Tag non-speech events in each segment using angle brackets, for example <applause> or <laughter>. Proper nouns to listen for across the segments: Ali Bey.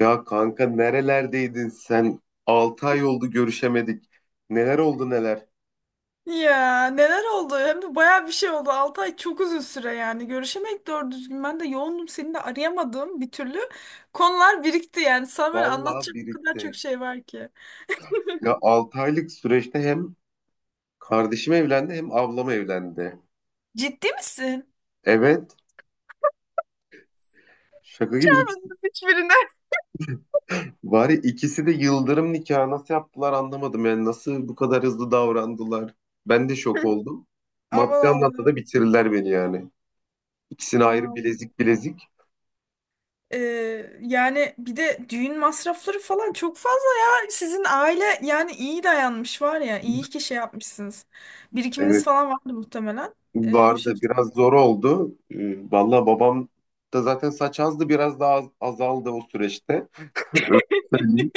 Ya kanka nerelerdeydin sen? 6 ay oldu görüşemedik. Neler oldu neler? Ya neler oldu? Hem de bayağı bir şey oldu. 6 ay çok uzun süre yani. Görüşemedik doğru düzgün. Ben de yoğundum. Seni de arayamadım bir türlü. Konular birikti yani. Sana böyle Vallahi anlatacak bu kadar çok birikti. şey var ki. Ya 6 aylık süreçte hem kardeşim evlendi hem ablam evlendi. Ciddi misin? Evet. Şaka gibi ikisi, <laughs> Hiçbirine. var ya ikisi de yıldırım nikahı nasıl yaptılar anlamadım yani nasıl bu kadar hızlı davrandılar. Ben de şok oldum. Aman Maddi anlamda Allah'ım. da bitirirler beni yani. İkisini Aman ayrı Allah'ım. bilezik bilezik. Ee, Yani bir de düğün masrafları falan çok fazla ya. Sizin aile yani iyi dayanmış var ya. İyi ki şey yapmışsınız. Evet. Birikiminiz falan vardı muhtemelen. O Vardı. Biraz şekilde. zor oldu. Valla babam da zaten saç azdı. Biraz daha azaldı o süreçte. Öyle söyleyeyim.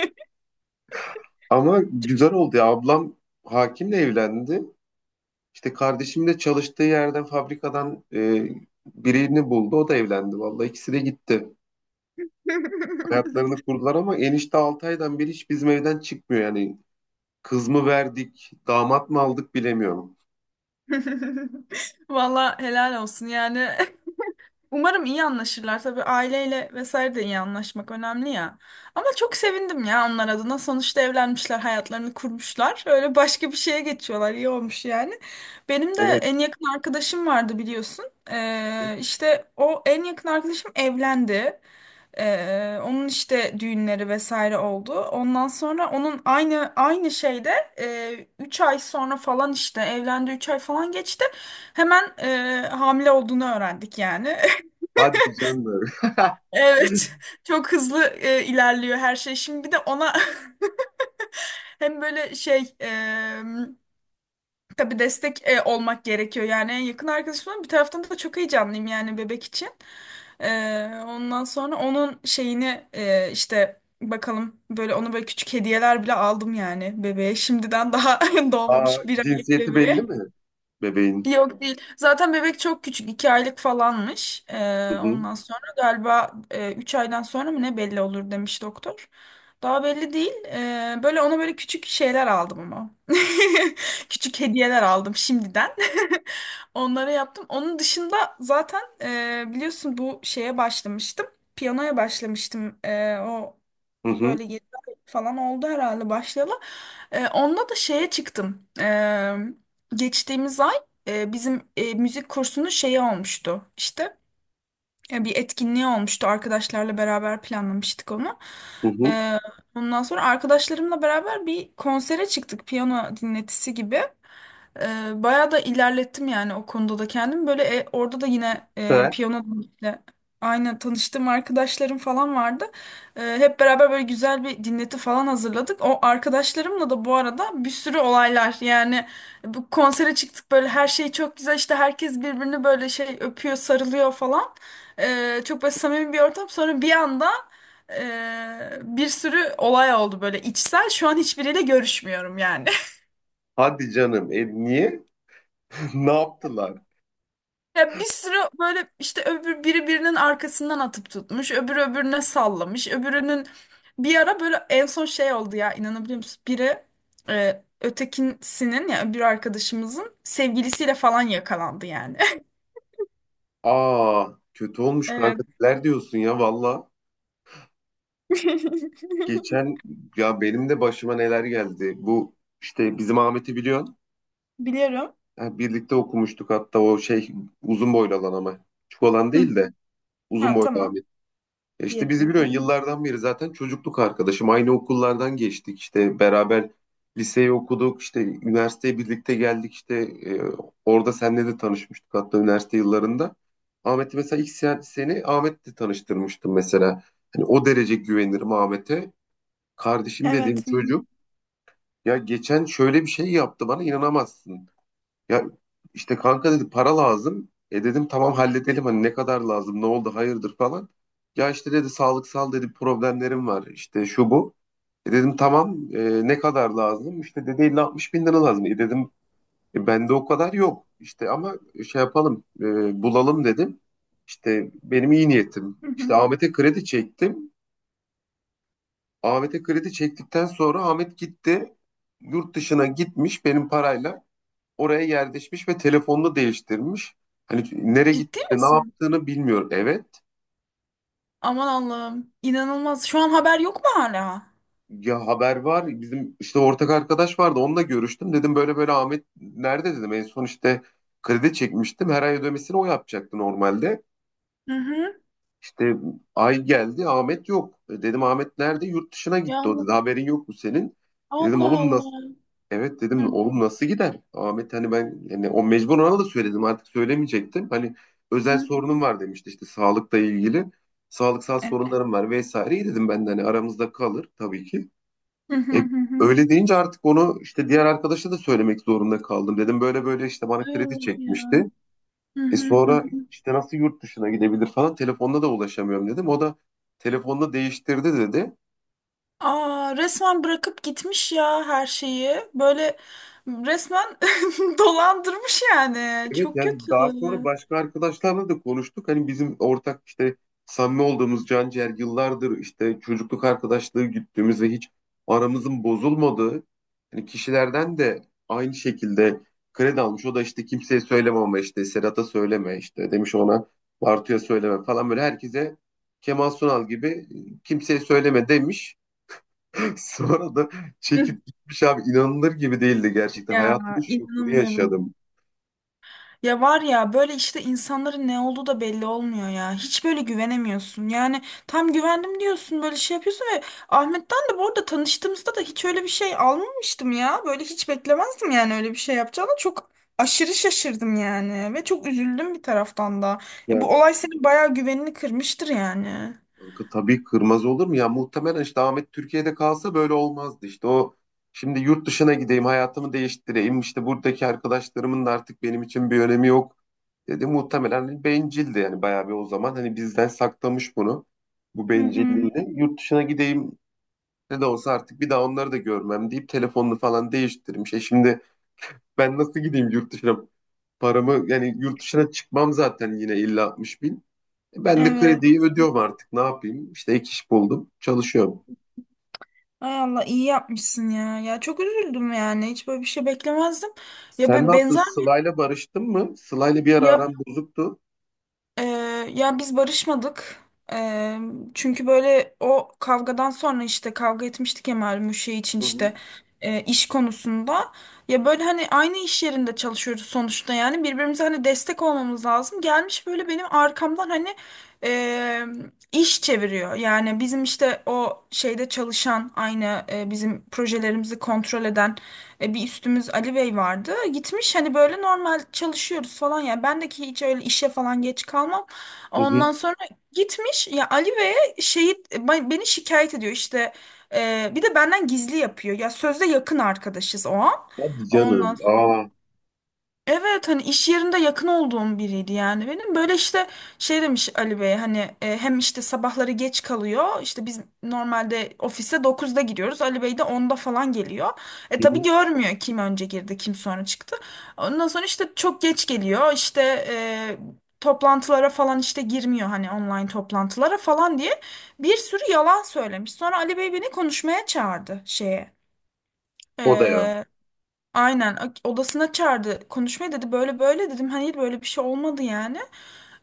Ama güzel oldu ya. Ablam hakimle evlendi. İşte kardeşim de çalıştığı yerden fabrikadan birini buldu. O da evlendi. Vallahi ikisi de gitti. <laughs> Hayatlarını kurdular ama enişte 6 aydan beri hiç bizim evden çıkmıyor. Yani kız mı verdik, damat mı aldık bilemiyorum. Valla helal olsun yani. Umarım iyi anlaşırlar. Tabii aileyle vesaire de iyi anlaşmak önemli ya. Ama çok sevindim ya onlar adına. Sonuçta evlenmişler, hayatlarını kurmuşlar. Öyle başka bir şeye geçiyorlar. İyi olmuş yani. Benim de Evet. en yakın arkadaşım vardı biliyorsun. İşte o en yakın arkadaşım evlendi. Onun işte düğünleri vesaire oldu. Ondan sonra onun aynı şeyde 3 ay sonra falan işte evlendi. 3 ay falan geçti. Hemen hamile olduğunu öğrendik yani. <laughs> Hadi canım. <laughs> Evet, <laughs> çok hızlı ilerliyor her şey. Şimdi bir de ona <laughs> hem böyle şey tabii destek olmak gerekiyor. Yani en yakın arkadaşım ama bir taraftan da çok heyecanlıyım yani bebek için. E, Ondan sonra onun şeyini işte bakalım böyle ona böyle küçük hediyeler bile aldım yani bebeğe. Şimdiden daha <laughs> Aa, doğmamış 1 aylık cinsiyeti belli bebeğe. mi bebeğin? Yok değil. Zaten bebek çok küçük. 2 aylık falanmış. Hı hı. Ondan sonra galiba 3 aydan sonra mı ne belli olur demiş doktor. Daha belli değil. Böyle ona böyle küçük şeyler aldım ama. <laughs> Küçük hediyeler aldım şimdiden. <laughs> Onlara yaptım. Onun dışında zaten biliyorsun bu şeye başlamıştım. Piyanoya başlamıştım. O Hı bir hı. böyle 7 ay falan oldu herhalde başlayalı. Onda da şeye çıktım. Geçtiğimiz ay bizim müzik kursunun şeyi olmuştu işte bir etkinliği olmuştu arkadaşlarla beraber planlamıştık onu. Hı hı. E, Ondan sonra arkadaşlarımla beraber bir konsere çıktık, piyano dinletisi gibi. Bayağı da ilerlettim yani o konuda da kendim. Böyle orada da yine Süper. piyano ile aynı tanıştığım arkadaşlarım falan vardı. Hep beraber böyle güzel bir dinleti falan hazırladık. O arkadaşlarımla da bu arada bir sürü olaylar yani, bu konsere çıktık böyle her şey çok güzel, işte herkes birbirini böyle şey öpüyor, sarılıyor falan. Çok böyle samimi bir ortam, sonra bir anda bir sürü olay oldu böyle içsel, şu an hiçbiriyle görüşmüyorum yani. Hadi canım. E, niye? <laughs> Ne yaptılar? Ya bir sürü böyle işte öbür biri birinin arkasından atıp tutmuş, öbürü öbürüne sallamış, öbürünün bir ara böyle en son şey oldu ya, inanabiliyor musun? Biri ötekisinin ya öbür arkadaşımızın sevgilisiyle falan yakalandı yani. <laughs> Aa, kötü olmuş kanka. Evet. Neler diyorsun ya valla. <laughs> Geçen ya benim de başıma neler geldi. Bu işte bizim Ahmet'i biliyorsun. Biliyorum. Ha, birlikte okumuştuk hatta o şey uzun boylu olan ama. Küçük olan Hı. değil de uzun Ha boylu. tamam. E, İşte Diyelim. bizi biliyorsun Hı hı. yıllardan beri zaten çocukluk arkadaşım. Aynı okullardan geçtik işte beraber liseyi okuduk işte üniversiteye birlikte geldik işte e, orada senle de tanışmıştık hatta üniversite yıllarında. Ahmet'i mesela ilk seni Ahmet'le tanıştırmıştım mesela. Hani o derece güvenirim Ahmet'e. Kardeşim dediğim Evet. Hı hı. çocuk ya geçen şöyle bir şey yaptı bana inanamazsın. Ya işte kanka dedi para lazım. E dedim tamam halledelim hani ne kadar lazım ne oldu hayırdır falan. Ya işte dedi sağlıksal dedi problemlerim var işte şu bu. E dedim tamam ne kadar lazım? İşte dedi 50-60 bin lira lazım. E dedim bende o kadar yok. İşte ama şey yapalım bulalım dedim. İşte benim iyi niyetim. Hı hı. İşte Ahmet'e kredi çektim. Ahmet'e kredi çektikten sonra Ahmet gitti yurt dışına gitmiş benim parayla oraya yerleşmiş ve telefonunu değiştirmiş. Hani nereye Ciddi gitti, ne misin? yaptığını bilmiyor. Evet. Aman Allah'ım. İnanılmaz. Şu an haber yok mu hala? Ya haber var. Bizim işte ortak arkadaş vardı. Onunla görüştüm. Dedim böyle böyle Ahmet nerede dedim. En son işte kredi çekmiştim. Her ay ödemesini o yapacaktı normalde. Hı hı. İşte ay geldi Ahmet yok. E, dedim Ahmet nerede? Yurt dışına Ya gitti o Allah. dedi. Haberin yok mu senin? E, dedim Allah oğlum nasıl? Allah. Evet Hı dedim oğlum nasıl gider? Ahmet hani ben yani o mecbur ona da söyledim artık söylemeyecektim. Hani özel hı. sorunum var demişti işte sağlıkla ilgili. Sağlıksal Hı. sorunlarım var vesaire. İyi dedim ben de hani aramızda kalır tabii ki. Hı hı E, hı hı. öyle deyince artık onu işte diğer arkadaşa da söylemek zorunda kaldım. Dedim böyle böyle işte bana Ay kredi Allah ya. çekmişti. Hı E hı hı sonra hı. işte nasıl yurt dışına gidebilir falan telefonla da ulaşamıyorum dedim. O da telefonla değiştirdi dedi. Aa, resmen bırakıp gitmiş ya her şeyi. Böyle resmen <laughs> dolandırmış yani. Evet Çok kötü. yani daha sonra başka arkadaşlarla da konuştuk. Hani bizim ortak işte samimi olduğumuz Canciğer yıllardır işte çocukluk arkadaşlığı güttüğümüz ve hiç aramızın bozulmadığı hani kişilerden de aynı şekilde kredi almış. O da işte kimseye söyleme ama işte Serhat'a söyleme işte demiş ona Bartu'ya söyleme falan böyle herkese Kemal Sunal gibi, kimseye söyleme" demiş. <laughs> Sonra da çekip gitmiş abi inanılır gibi değildi <laughs> gerçekten. Ya Hayatımın şokunu inanamıyorum. yaşadım. Ya var ya, böyle işte insanların ne olduğu da belli olmuyor ya. Hiç böyle güvenemiyorsun. Yani tam güvendim diyorsun, böyle şey yapıyorsun ve Ahmet'ten de bu arada tanıştığımızda da hiç öyle bir şey almamıştım ya. Böyle hiç beklemezdim yani öyle bir şey yapacağını. Çok aşırı şaşırdım yani ve çok üzüldüm bir taraftan da. Bu olay senin bayağı güvenini kırmıştır yani. Kanka tabii kırmaz olur mu? Ya muhtemelen işte Ahmet Türkiye'de kalsa böyle olmazdı. İşte o şimdi yurt dışına gideyim, hayatımı değiştireyim. İşte buradaki arkadaşlarımın da artık benim için bir önemi yok dedi. Muhtemelen bencildi yani bayağı bir o zaman. Hani bizden saklamış bunu, bu Hı hı. bencilliğini. Yurt dışına gideyim ne de olsa artık bir daha onları da görmem deyip telefonunu falan değiştirmiş. E şimdi ben nasıl gideyim yurt dışına? Paramı yani yurt dışına çıkmam zaten yine illa 60 ben de Evet. krediyi ödüyorum artık. Ne yapayım? İşte ek iş buldum. Çalışıyorum. Ay Allah, iyi yapmışsın ya. Ya çok üzüldüm yani. Hiç böyle bir şey beklemezdim. Ya Sen ne yaptın? benzer bir Sıla'yla barıştın mı? Sıla'yla bir ara ya. aram bozuktu. Ee, Ya biz barışmadık. Ee, Çünkü böyle o kavgadan sonra işte kavga etmiştik ya, malum şey için, Hı işte hı. İş konusunda. Ya böyle hani aynı iş yerinde çalışıyoruz sonuçta yani, birbirimize hani destek olmamız lazım. Gelmiş böyle benim arkamdan hani e, iş çeviriyor. Yani bizim işte o şeyde çalışan, aynı bizim projelerimizi kontrol eden bir üstümüz Ali Bey vardı. Gitmiş, hani böyle normal çalışıyoruz falan ya. Ben de ki hiç öyle işe falan geç kalmam. Hı hı. Ondan sonra gitmiş ya Ali Bey'e, şeyi beni şikayet ediyor işte. Bir de benden gizli yapıyor. Ya sözde yakın arkadaşız o an. Hadi canım. Ondan. Aa. Evet, hani iş yerinde yakın olduğum biriydi yani benim. Böyle işte şey demiş Ali Bey hani hem işte sabahları geç kalıyor. İşte biz normalde ofise 9'da gidiyoruz. Ali Bey de onda falan geliyor. E Hı tabii hı. görmüyor kim önce girdi kim sonra çıktı. Ondan sonra işte çok geç geliyor. İşte e, toplantılara falan işte girmiyor, hani online toplantılara falan diye bir sürü yalan söylemiş. Sonra Ali Bey beni konuşmaya çağırdı şeye. O da ya. e, Aynen odasına çağırdı konuşmaya, dedi böyle böyle, dedim hani böyle bir şey olmadı yani.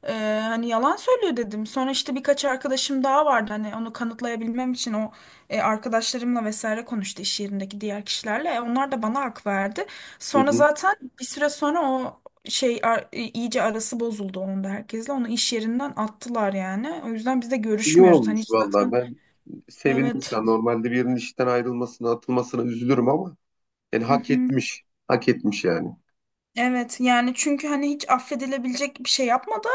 Hani yalan söylüyor dedim, sonra işte birkaç arkadaşım daha vardı hani onu kanıtlayabilmem için, o arkadaşlarımla vesaire konuştu iş yerindeki diğer kişilerle. Onlar da bana hak verdi, Hı sonra hı. zaten bir süre sonra o şey iyice arası bozuldu onun da herkesle, onu iş yerinden attılar yani. O yüzden biz de İyi görüşmüyoruz hani olmuş hiç vallahi. zaten Ben sevindim şu evet. an. Normalde birinin işten ayrılmasına, atılmasına üzülürüm ama yani Hı hak hı. etmiş. Hak etmiş yani. Evet yani, çünkü hani hiç affedilebilecek bir şey yapmadı.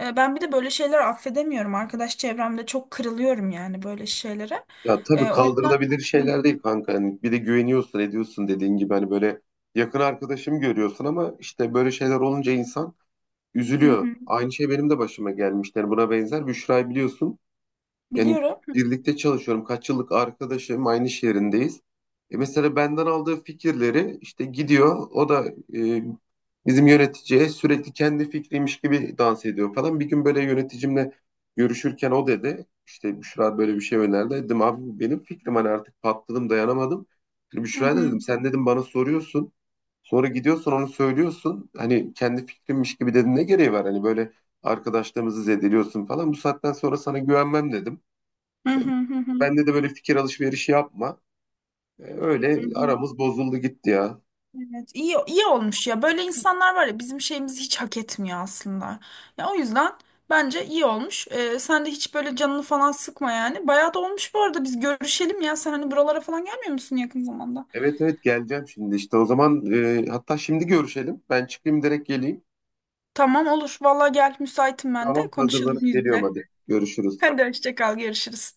Ben bir de böyle şeyler affedemiyorum. Arkadaş çevremde çok kırılıyorum yani böyle şeylere. Ya tabii O yüzden. kaldırılabilir Hı şeyler değil kanka. Hani bir de güveniyorsun, ediyorsun dediğin gibi hani böyle yakın arkadaşım görüyorsun ama işte böyle şeyler olunca insan üzülüyor. hı, Aynı şey benim de başıma gelmişti. Yani buna benzer. Büşra'yı biliyorsun. Yani biliyorum. birlikte çalışıyorum. Kaç yıllık arkadaşım aynı şehrindeyiz. E mesela benden aldığı fikirleri işte gidiyor. O da e, bizim yöneticiye sürekli kendi fikriymiş gibi dans ediyor falan. Bir gün böyle yöneticimle görüşürken o dedi. İşte Büşra böyle bir şey önerdi. Dedim abi bu benim fikrim hani artık patladım dayanamadım. Şimdi Hı Büşra'ya da hı dedim sen dedim bana soruyorsun. Sonra gidiyorsun onu söylüyorsun. Hani kendi fikrimmiş gibi dedin ne gereği var? Hani böyle arkadaşlarımızı zedeliyorsun falan. Bu saatten sonra sana güvenmem dedim. hı hı hı hı Bende de böyle fikir alışverişi yapma. Hı Öyle hı. aramız bozuldu gitti ya. Evet, iyi iyi olmuş ya. Böyle insanlar var ya, bizim şeyimizi hiç hak etmiyor aslında. Ya o yüzden bence iyi olmuş. Sen de hiç böyle canını falan sıkma yani. Bayağı da olmuş bu arada. Biz görüşelim ya. Sen hani buralara falan gelmiyor musun yakın zamanda? Evet evet geleceğim şimdi işte o zaman hatta şimdi görüşelim. Ben çıkayım direkt geleyim. Tamam, olur. Vallahi gel, müsaitim ben de. Tamam Konuşalım hazırlanıp yüz geliyorum yüze. hadi. <laughs> Görüşürüz. Hadi, hoşça kal. Görüşürüz.